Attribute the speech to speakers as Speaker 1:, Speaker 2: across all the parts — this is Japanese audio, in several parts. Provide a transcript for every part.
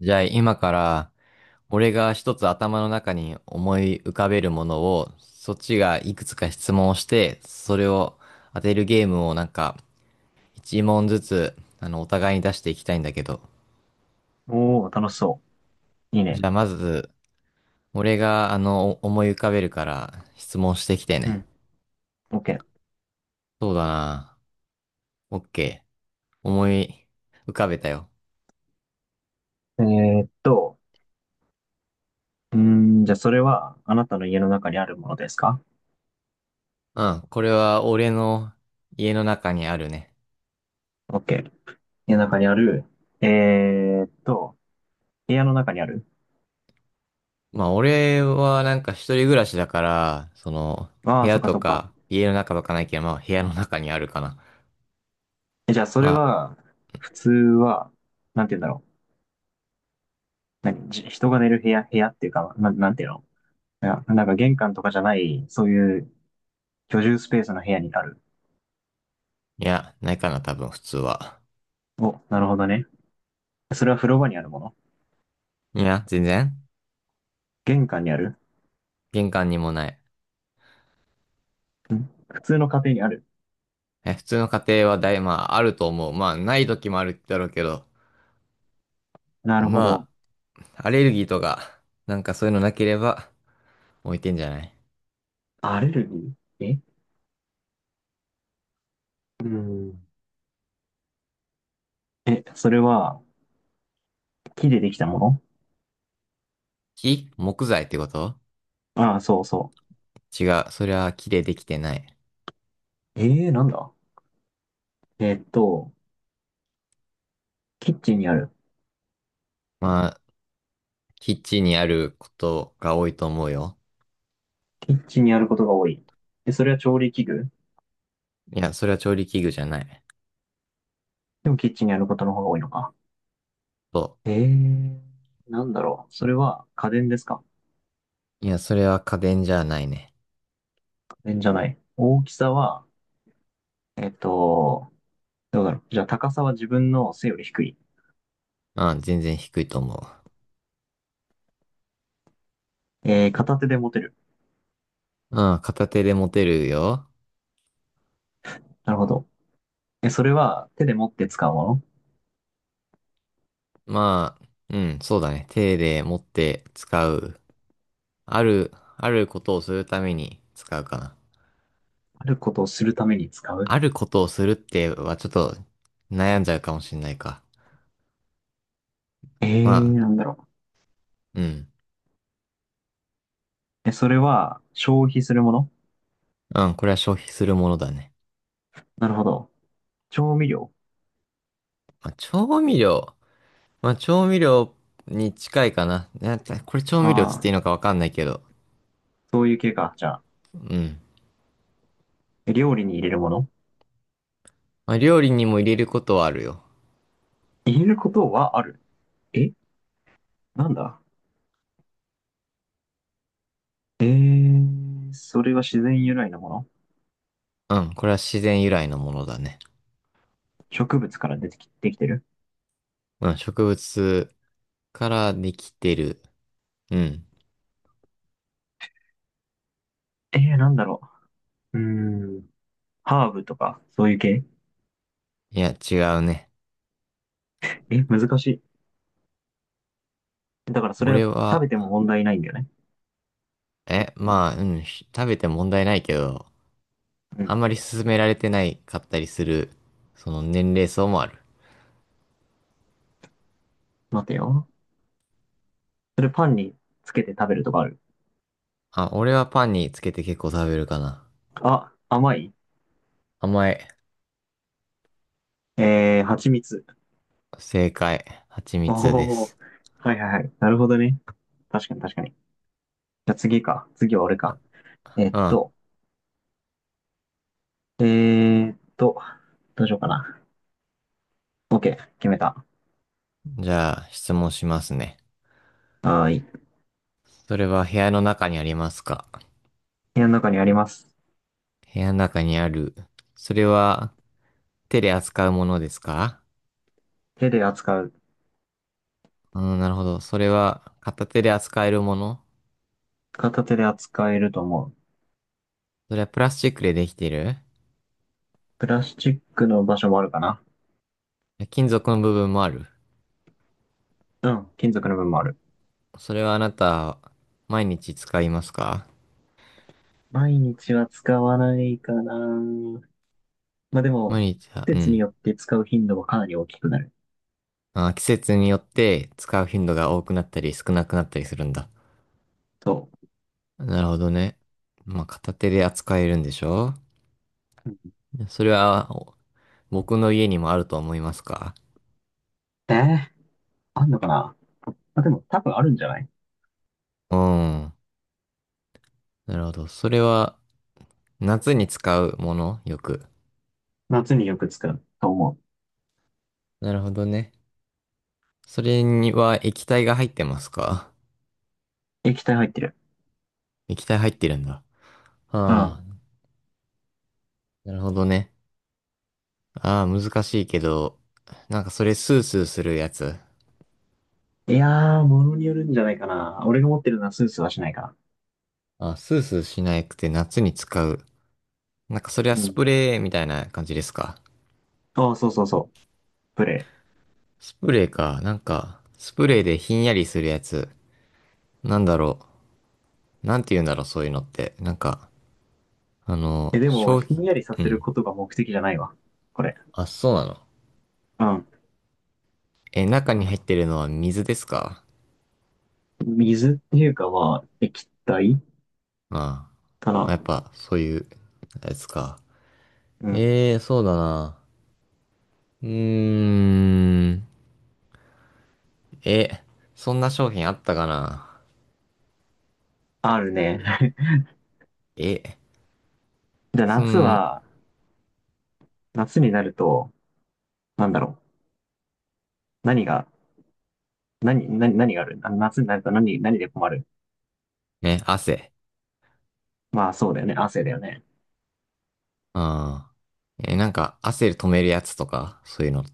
Speaker 1: じゃあ今から、俺が一つ頭の中に思い浮かべるものをそっちがいくつか質問をして、それを当てるゲームを、なんか一問ずつ、お互いに出していきたいんだけど。
Speaker 2: おー、楽しそう。いい
Speaker 1: じ
Speaker 2: ね。
Speaker 1: ゃあまず俺が思い浮かべるから、質問してきて
Speaker 2: う
Speaker 1: ね。
Speaker 2: ん。OK。
Speaker 1: そうだな、オッケー。思い浮かべたよ。
Speaker 2: ーっと、うーじゃあそれは、あなたの家の中にあるものですか？
Speaker 1: うん、これは俺の家の中にあるね。
Speaker 2: OK。家の中にある。えーっと、部屋の中にある。
Speaker 1: まあ、俺はなんか一人暮らしだから、
Speaker 2: あ
Speaker 1: 部
Speaker 2: あ、そ
Speaker 1: 屋
Speaker 2: っか
Speaker 1: と
Speaker 2: そっか。
Speaker 1: か、家の中とかないけど、まあ、部屋の中にあるかな。
Speaker 2: えじゃあそ
Speaker 1: ま
Speaker 2: れ
Speaker 1: あ、
Speaker 2: は、普通は、なんて言うんだろう。何、じ人が寝る部屋、部屋っていうか、な、なんていうの？いや、なんか玄関とかじゃない、そういう居住スペースの部屋にある。
Speaker 1: いや、ないかな、多分、普通は。
Speaker 2: お、なるほどね。それは風呂場にあるもの？
Speaker 1: いや、全然。
Speaker 2: 玄関にある？
Speaker 1: 玄関にもない。
Speaker 2: ん、普通の家庭にある。
Speaker 1: え、普通の家庭はまあ、あると思う。まあ、ない時もあるだろうけど、
Speaker 2: なるほ
Speaker 1: ま
Speaker 2: ど。
Speaker 1: あ、アレルギーとか、なんかそういうのなければ、置いてんじゃない？
Speaker 2: アレルギー？えうん。え、それは木でできたも
Speaker 1: 木材ってこと？
Speaker 2: の？ああ、そうそ
Speaker 1: 違う。それは木でできてない。
Speaker 2: う。えー、なんだえーっと、キッチンにある。
Speaker 1: まあ、キッチンにあることが多いと思うよ。
Speaker 2: キッチンにあることが多い。え、それは調理器具？
Speaker 1: いや、それは調理器具じゃない。
Speaker 2: でもキッチンにあることの方が多いのか。
Speaker 1: そ
Speaker 2: えー、なんだろう。それは家電ですか？
Speaker 1: う。いや、それは家電じゃないね。
Speaker 2: 家電じゃない。大きさは、えーっと、どうだろう。じゃあ高さは自分の背より低い。
Speaker 1: うん、全然低いと思
Speaker 2: えー、片手で持てる。
Speaker 1: う。うん、片手で持てるよ。
Speaker 2: なるほど。え、それは手で持って使うもの？
Speaker 1: まあ、うん、そうだね。手で持って使う。ある、あることをするために使うかな。
Speaker 2: あることをするために使う？
Speaker 1: あることをするってはちょっと悩んじゃうかもしんないか。
Speaker 2: え
Speaker 1: ま
Speaker 2: ー、
Speaker 1: あ、
Speaker 2: なんだろう。
Speaker 1: うん。
Speaker 2: え、それは消費するもの？
Speaker 1: うん、これは消費するものだね。
Speaker 2: なるほど。調味料？
Speaker 1: まあ、調味料。まあ、調味料に近いかな。なんかこれ調味料つっ
Speaker 2: あ
Speaker 1: ていい
Speaker 2: あ、
Speaker 1: のかわかんないけど。
Speaker 2: そういう系か。じゃあ、
Speaker 1: うん。
Speaker 2: え料理に入れるもの？
Speaker 1: まあ、料理にも入れることはあるよ。
Speaker 2: 入れることはある。えなんだえー、それは自然由来のもの？
Speaker 1: うん、これは自然由来のものだね。
Speaker 2: 植物から出てき、できてる？
Speaker 1: うん、植物からできてる。うん。
Speaker 2: えー、なんだろうーん、ハーブとか、そういう系？
Speaker 1: いや、違うね。
Speaker 2: え、難しい。だからそれは
Speaker 1: 俺
Speaker 2: 食
Speaker 1: は、
Speaker 2: べても問題ないんだよね。
Speaker 1: まあ、うん、食べて問題ないけど、
Speaker 2: う
Speaker 1: あん
Speaker 2: ん。
Speaker 1: まり勧められてないかったりする、その年齢層もある。
Speaker 2: 待てよ。それパンにつけて食べるとかある？
Speaker 1: あ、俺はパンにつけて結構食べるかな。
Speaker 2: あ、甘い？
Speaker 1: 甘い。
Speaker 2: えー、蜂蜜。
Speaker 1: 正解。蜂蜜で
Speaker 2: おー。
Speaker 1: す。
Speaker 2: はいはいはい。なるほどね。確かに確かに。じゃあ次か。次は俺か。えっ
Speaker 1: うん。
Speaker 2: と、えーっと、どうしようかな。OK。決めた。
Speaker 1: じゃあ、質問しますね。
Speaker 2: はーい。
Speaker 1: それは部屋の中にありますか？
Speaker 2: 部屋の中にあります。
Speaker 1: 部屋の中にある。それは手で扱うものですか？
Speaker 2: 手で扱う。
Speaker 1: うん、なるほど。それは片手で扱えるもの？
Speaker 2: 片手で扱えると思う。
Speaker 1: それはプラスチックでできている？
Speaker 2: プラスチックの場所もあるかな。
Speaker 1: 金属の部分もある。
Speaker 2: うん。金属の部分もある。
Speaker 1: それはあなた、毎日使いますか？
Speaker 2: 毎日は使わないかな。まあでも、
Speaker 1: 毎日は、
Speaker 2: 季
Speaker 1: う
Speaker 2: 節に
Speaker 1: ん。
Speaker 2: よって使う頻度はかなり大きくなる。
Speaker 1: あ、季節によって使う頻度が多くなったり少なくなったりするんだ。
Speaker 2: そ
Speaker 1: なるほどね。まあ、片手で扱えるんでしょ？
Speaker 2: う。うん。
Speaker 1: それは、僕の家にもあると思いますか？
Speaker 2: えー、あんのかな。まあでも多分あるんじゃない？
Speaker 1: うん。なるほど。それは、夏に使うものよく。
Speaker 2: 夏によく使うと思う。
Speaker 1: なるほどね。それには液体が入ってますか？
Speaker 2: 液体入ってる。
Speaker 1: 液体入ってるんだ。
Speaker 2: うん。
Speaker 1: ああ、なるほどね。ああ、難しいけど、なんかそれスースーするやつ。
Speaker 2: いやー、ものによるんじゃないかな。俺が持ってるのはスースーはしないかな。
Speaker 1: ああ、スースーしなくて夏に使う。なんかそれは
Speaker 2: う
Speaker 1: ス
Speaker 2: ん。
Speaker 1: プレーみたいな感じですか？
Speaker 2: ああ、そうそうそう。プレ
Speaker 1: スプレーか。なんか、スプレーでひんやりするやつ。なんだろう。なんて言うんだろう、そういうのって。なんか、
Speaker 2: イ。え、でも、
Speaker 1: 消費、
Speaker 2: ひんやりさ
Speaker 1: う
Speaker 2: せる
Speaker 1: ん。
Speaker 2: ことが目的じゃないわ。これ。
Speaker 1: あ、そうなの。
Speaker 2: うん。
Speaker 1: え、中に入ってるのは水ですか？
Speaker 2: 水っていうかまあ、液体
Speaker 1: あ
Speaker 2: か
Speaker 1: あ。やっ
Speaker 2: な。
Speaker 1: ぱ、そういう、やつか。
Speaker 2: うん。
Speaker 1: ええ、そうだな。うーん。え、そんな商品あったかな？
Speaker 2: あるね。
Speaker 1: え、
Speaker 2: じゃあ
Speaker 1: そ
Speaker 2: 夏
Speaker 1: ん、
Speaker 2: は、夏になると、なんだろう。何が、何、何、何があるあ夏になると何、何で困る？
Speaker 1: ね、汗。
Speaker 2: まあそうだよね。汗だよね。
Speaker 1: ああ。え、なんか、汗止めるやつとか、そういうの。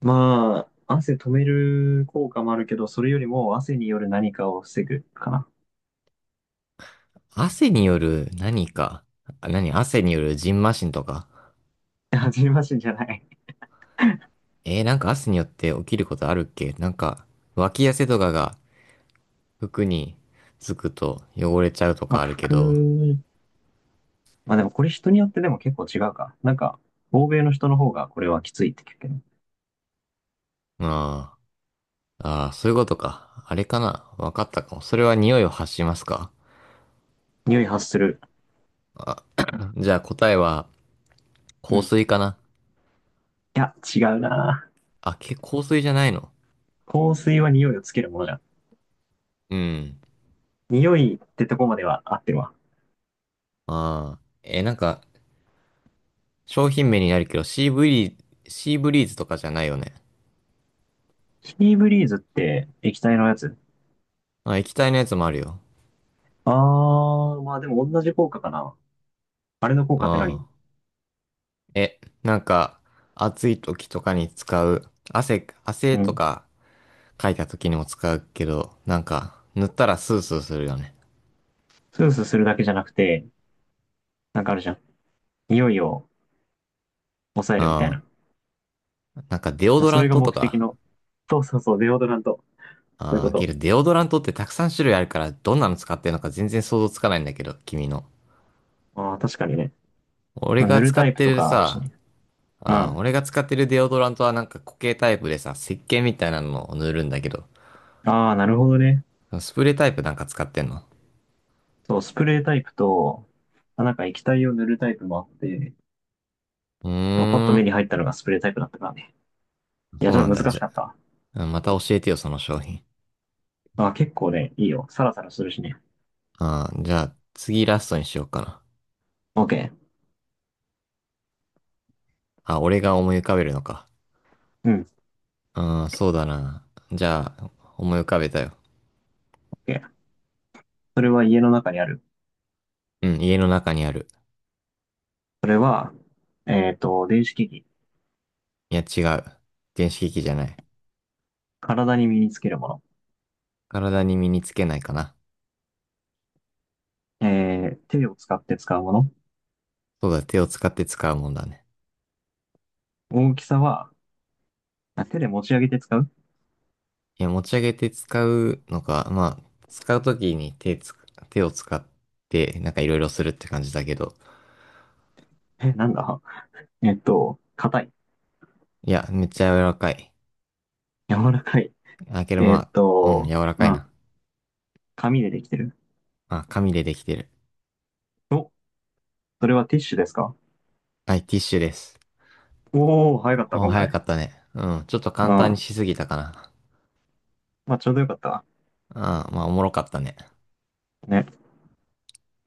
Speaker 2: まあ、汗止める効果もあるけど、それよりも汗による何かを防ぐかな。
Speaker 1: 汗による何か。あ、汗による蕁麻疹とか。
Speaker 2: 初めましてじゃない。
Speaker 1: なんか汗によって起きることあるっけ？なんか、脇汗とかが服につくと汚れちゃうと
Speaker 2: ま
Speaker 1: か
Speaker 2: あ、
Speaker 1: あるけど。
Speaker 2: 服、まあでもこれ人によってでも結構違うか。なんか、欧米の人の方がこれはきついって聞くけど。
Speaker 1: ああ。ああ、そういうことか。あれかな。わかったかも。それは匂いを発しますか？
Speaker 2: 匂い発する。
Speaker 1: じゃあ答えは
Speaker 2: う
Speaker 1: 香
Speaker 2: ん。
Speaker 1: 水かな。
Speaker 2: いや、違うな。
Speaker 1: あ、香水じゃないの？
Speaker 2: 香水は匂いをつけるものじゃん。
Speaker 1: うん。
Speaker 2: 匂いってとこまでは合ってるわ。
Speaker 1: ああ。え、なんか、商品名になるけど、シーブリーズとかじゃないよね。
Speaker 2: キーブリーズって液体のやつ？
Speaker 1: あ、液体のやつもあるよ。
Speaker 2: あー、まあでも同じ効果かな。あれの効果って何？
Speaker 1: ああ。え、なんか、暑い時とかに使う、汗
Speaker 2: う
Speaker 1: と
Speaker 2: ん。
Speaker 1: かかいた時にも使うけど、なんか、塗ったらスースーするよね。
Speaker 2: スースーするだけじゃなくて、なんかあるじゃん。匂いを抑えるみたい
Speaker 1: あ
Speaker 2: な。
Speaker 1: あ。なんか、デオド
Speaker 2: そ
Speaker 1: ラ
Speaker 2: れ
Speaker 1: ン
Speaker 2: が
Speaker 1: トと
Speaker 2: 目的
Speaker 1: か。
Speaker 2: の。そうそうそう、デオドラント。そういう
Speaker 1: あ
Speaker 2: こ
Speaker 1: あ、け
Speaker 2: と。
Speaker 1: どデオドラントってたくさん種類あるから、どんなの使ってるのか全然想像つかないんだけど、君の。
Speaker 2: ああ、確かにね。
Speaker 1: 俺
Speaker 2: まあ
Speaker 1: が
Speaker 2: 塗る
Speaker 1: 使
Speaker 2: タ
Speaker 1: っ
Speaker 2: イプ
Speaker 1: て
Speaker 2: と
Speaker 1: る
Speaker 2: かあるし
Speaker 1: さ、
Speaker 2: ね。うん。
Speaker 1: ああ、
Speaker 2: あ
Speaker 1: 俺が使ってるデオドラントはなんか固形タイプでさ、石鹸みたいなのを塗るんだけど、
Speaker 2: あ、なるほどね。
Speaker 1: スプレータイプなんか使ってんの？
Speaker 2: そう、スプレータイプと、まあ、なんか液体を塗るタイプもあって、
Speaker 1: うー
Speaker 2: まあ、パッと目
Speaker 1: ん、
Speaker 2: に入ったのがスプレータイプだったからね。い
Speaker 1: そ
Speaker 2: や、
Speaker 1: う
Speaker 2: ちょっ
Speaker 1: なん
Speaker 2: と
Speaker 1: だ。
Speaker 2: 難
Speaker 1: じ
Speaker 2: し
Speaker 1: ゃ、
Speaker 2: かったわ。
Speaker 1: うんまた教えてよ、その商品。
Speaker 2: まあ、結構ね、いいよ。サラサラするしね。
Speaker 1: ああ、じゃあ、次ラストにしようかな。
Speaker 2: OK。
Speaker 1: あ、俺が思い浮かべるのか。
Speaker 2: うん、
Speaker 1: うん、そうだな。じゃあ、思い浮かべたよ。
Speaker 2: OK。それは家の中にある。
Speaker 1: うん、家の中にある。
Speaker 2: それは、えっと、電子機器。
Speaker 1: いや、違う。電子機器じゃない。
Speaker 2: 体に身につけるもの。
Speaker 1: 体に身につけないかな。
Speaker 2: えー、手を使って使うもの。
Speaker 1: そうだ、手を使って使うもんだね。
Speaker 2: 大きさは、あ手で持ち上げて使う？
Speaker 1: いや、持ち上げて使うのか、まあ、使うときに手を使って、なんかいろいろするって感じだけど。
Speaker 2: え、なんだ？えっと、硬い。
Speaker 1: いや、めっちゃ柔らかい。
Speaker 2: 柔らかい。
Speaker 1: あ、けど
Speaker 2: えっ
Speaker 1: まあ、うん、
Speaker 2: と、
Speaker 1: 柔らか
Speaker 2: う
Speaker 1: い
Speaker 2: ん。
Speaker 1: な。
Speaker 2: 紙でできてる。
Speaker 1: まあ、紙でできてる。
Speaker 2: お、それはティッシュですか？
Speaker 1: はい、ティッシュです。
Speaker 2: おおー、早かった、
Speaker 1: お、
Speaker 2: 今
Speaker 1: 早か
Speaker 2: 回。
Speaker 1: ったね。うん、ちょっと
Speaker 2: うん。
Speaker 1: 簡単に
Speaker 2: ま
Speaker 1: しすぎたかな。
Speaker 2: あ、ちょうどよかったわ。
Speaker 1: あ、まあ、おもろかったね。
Speaker 2: ね。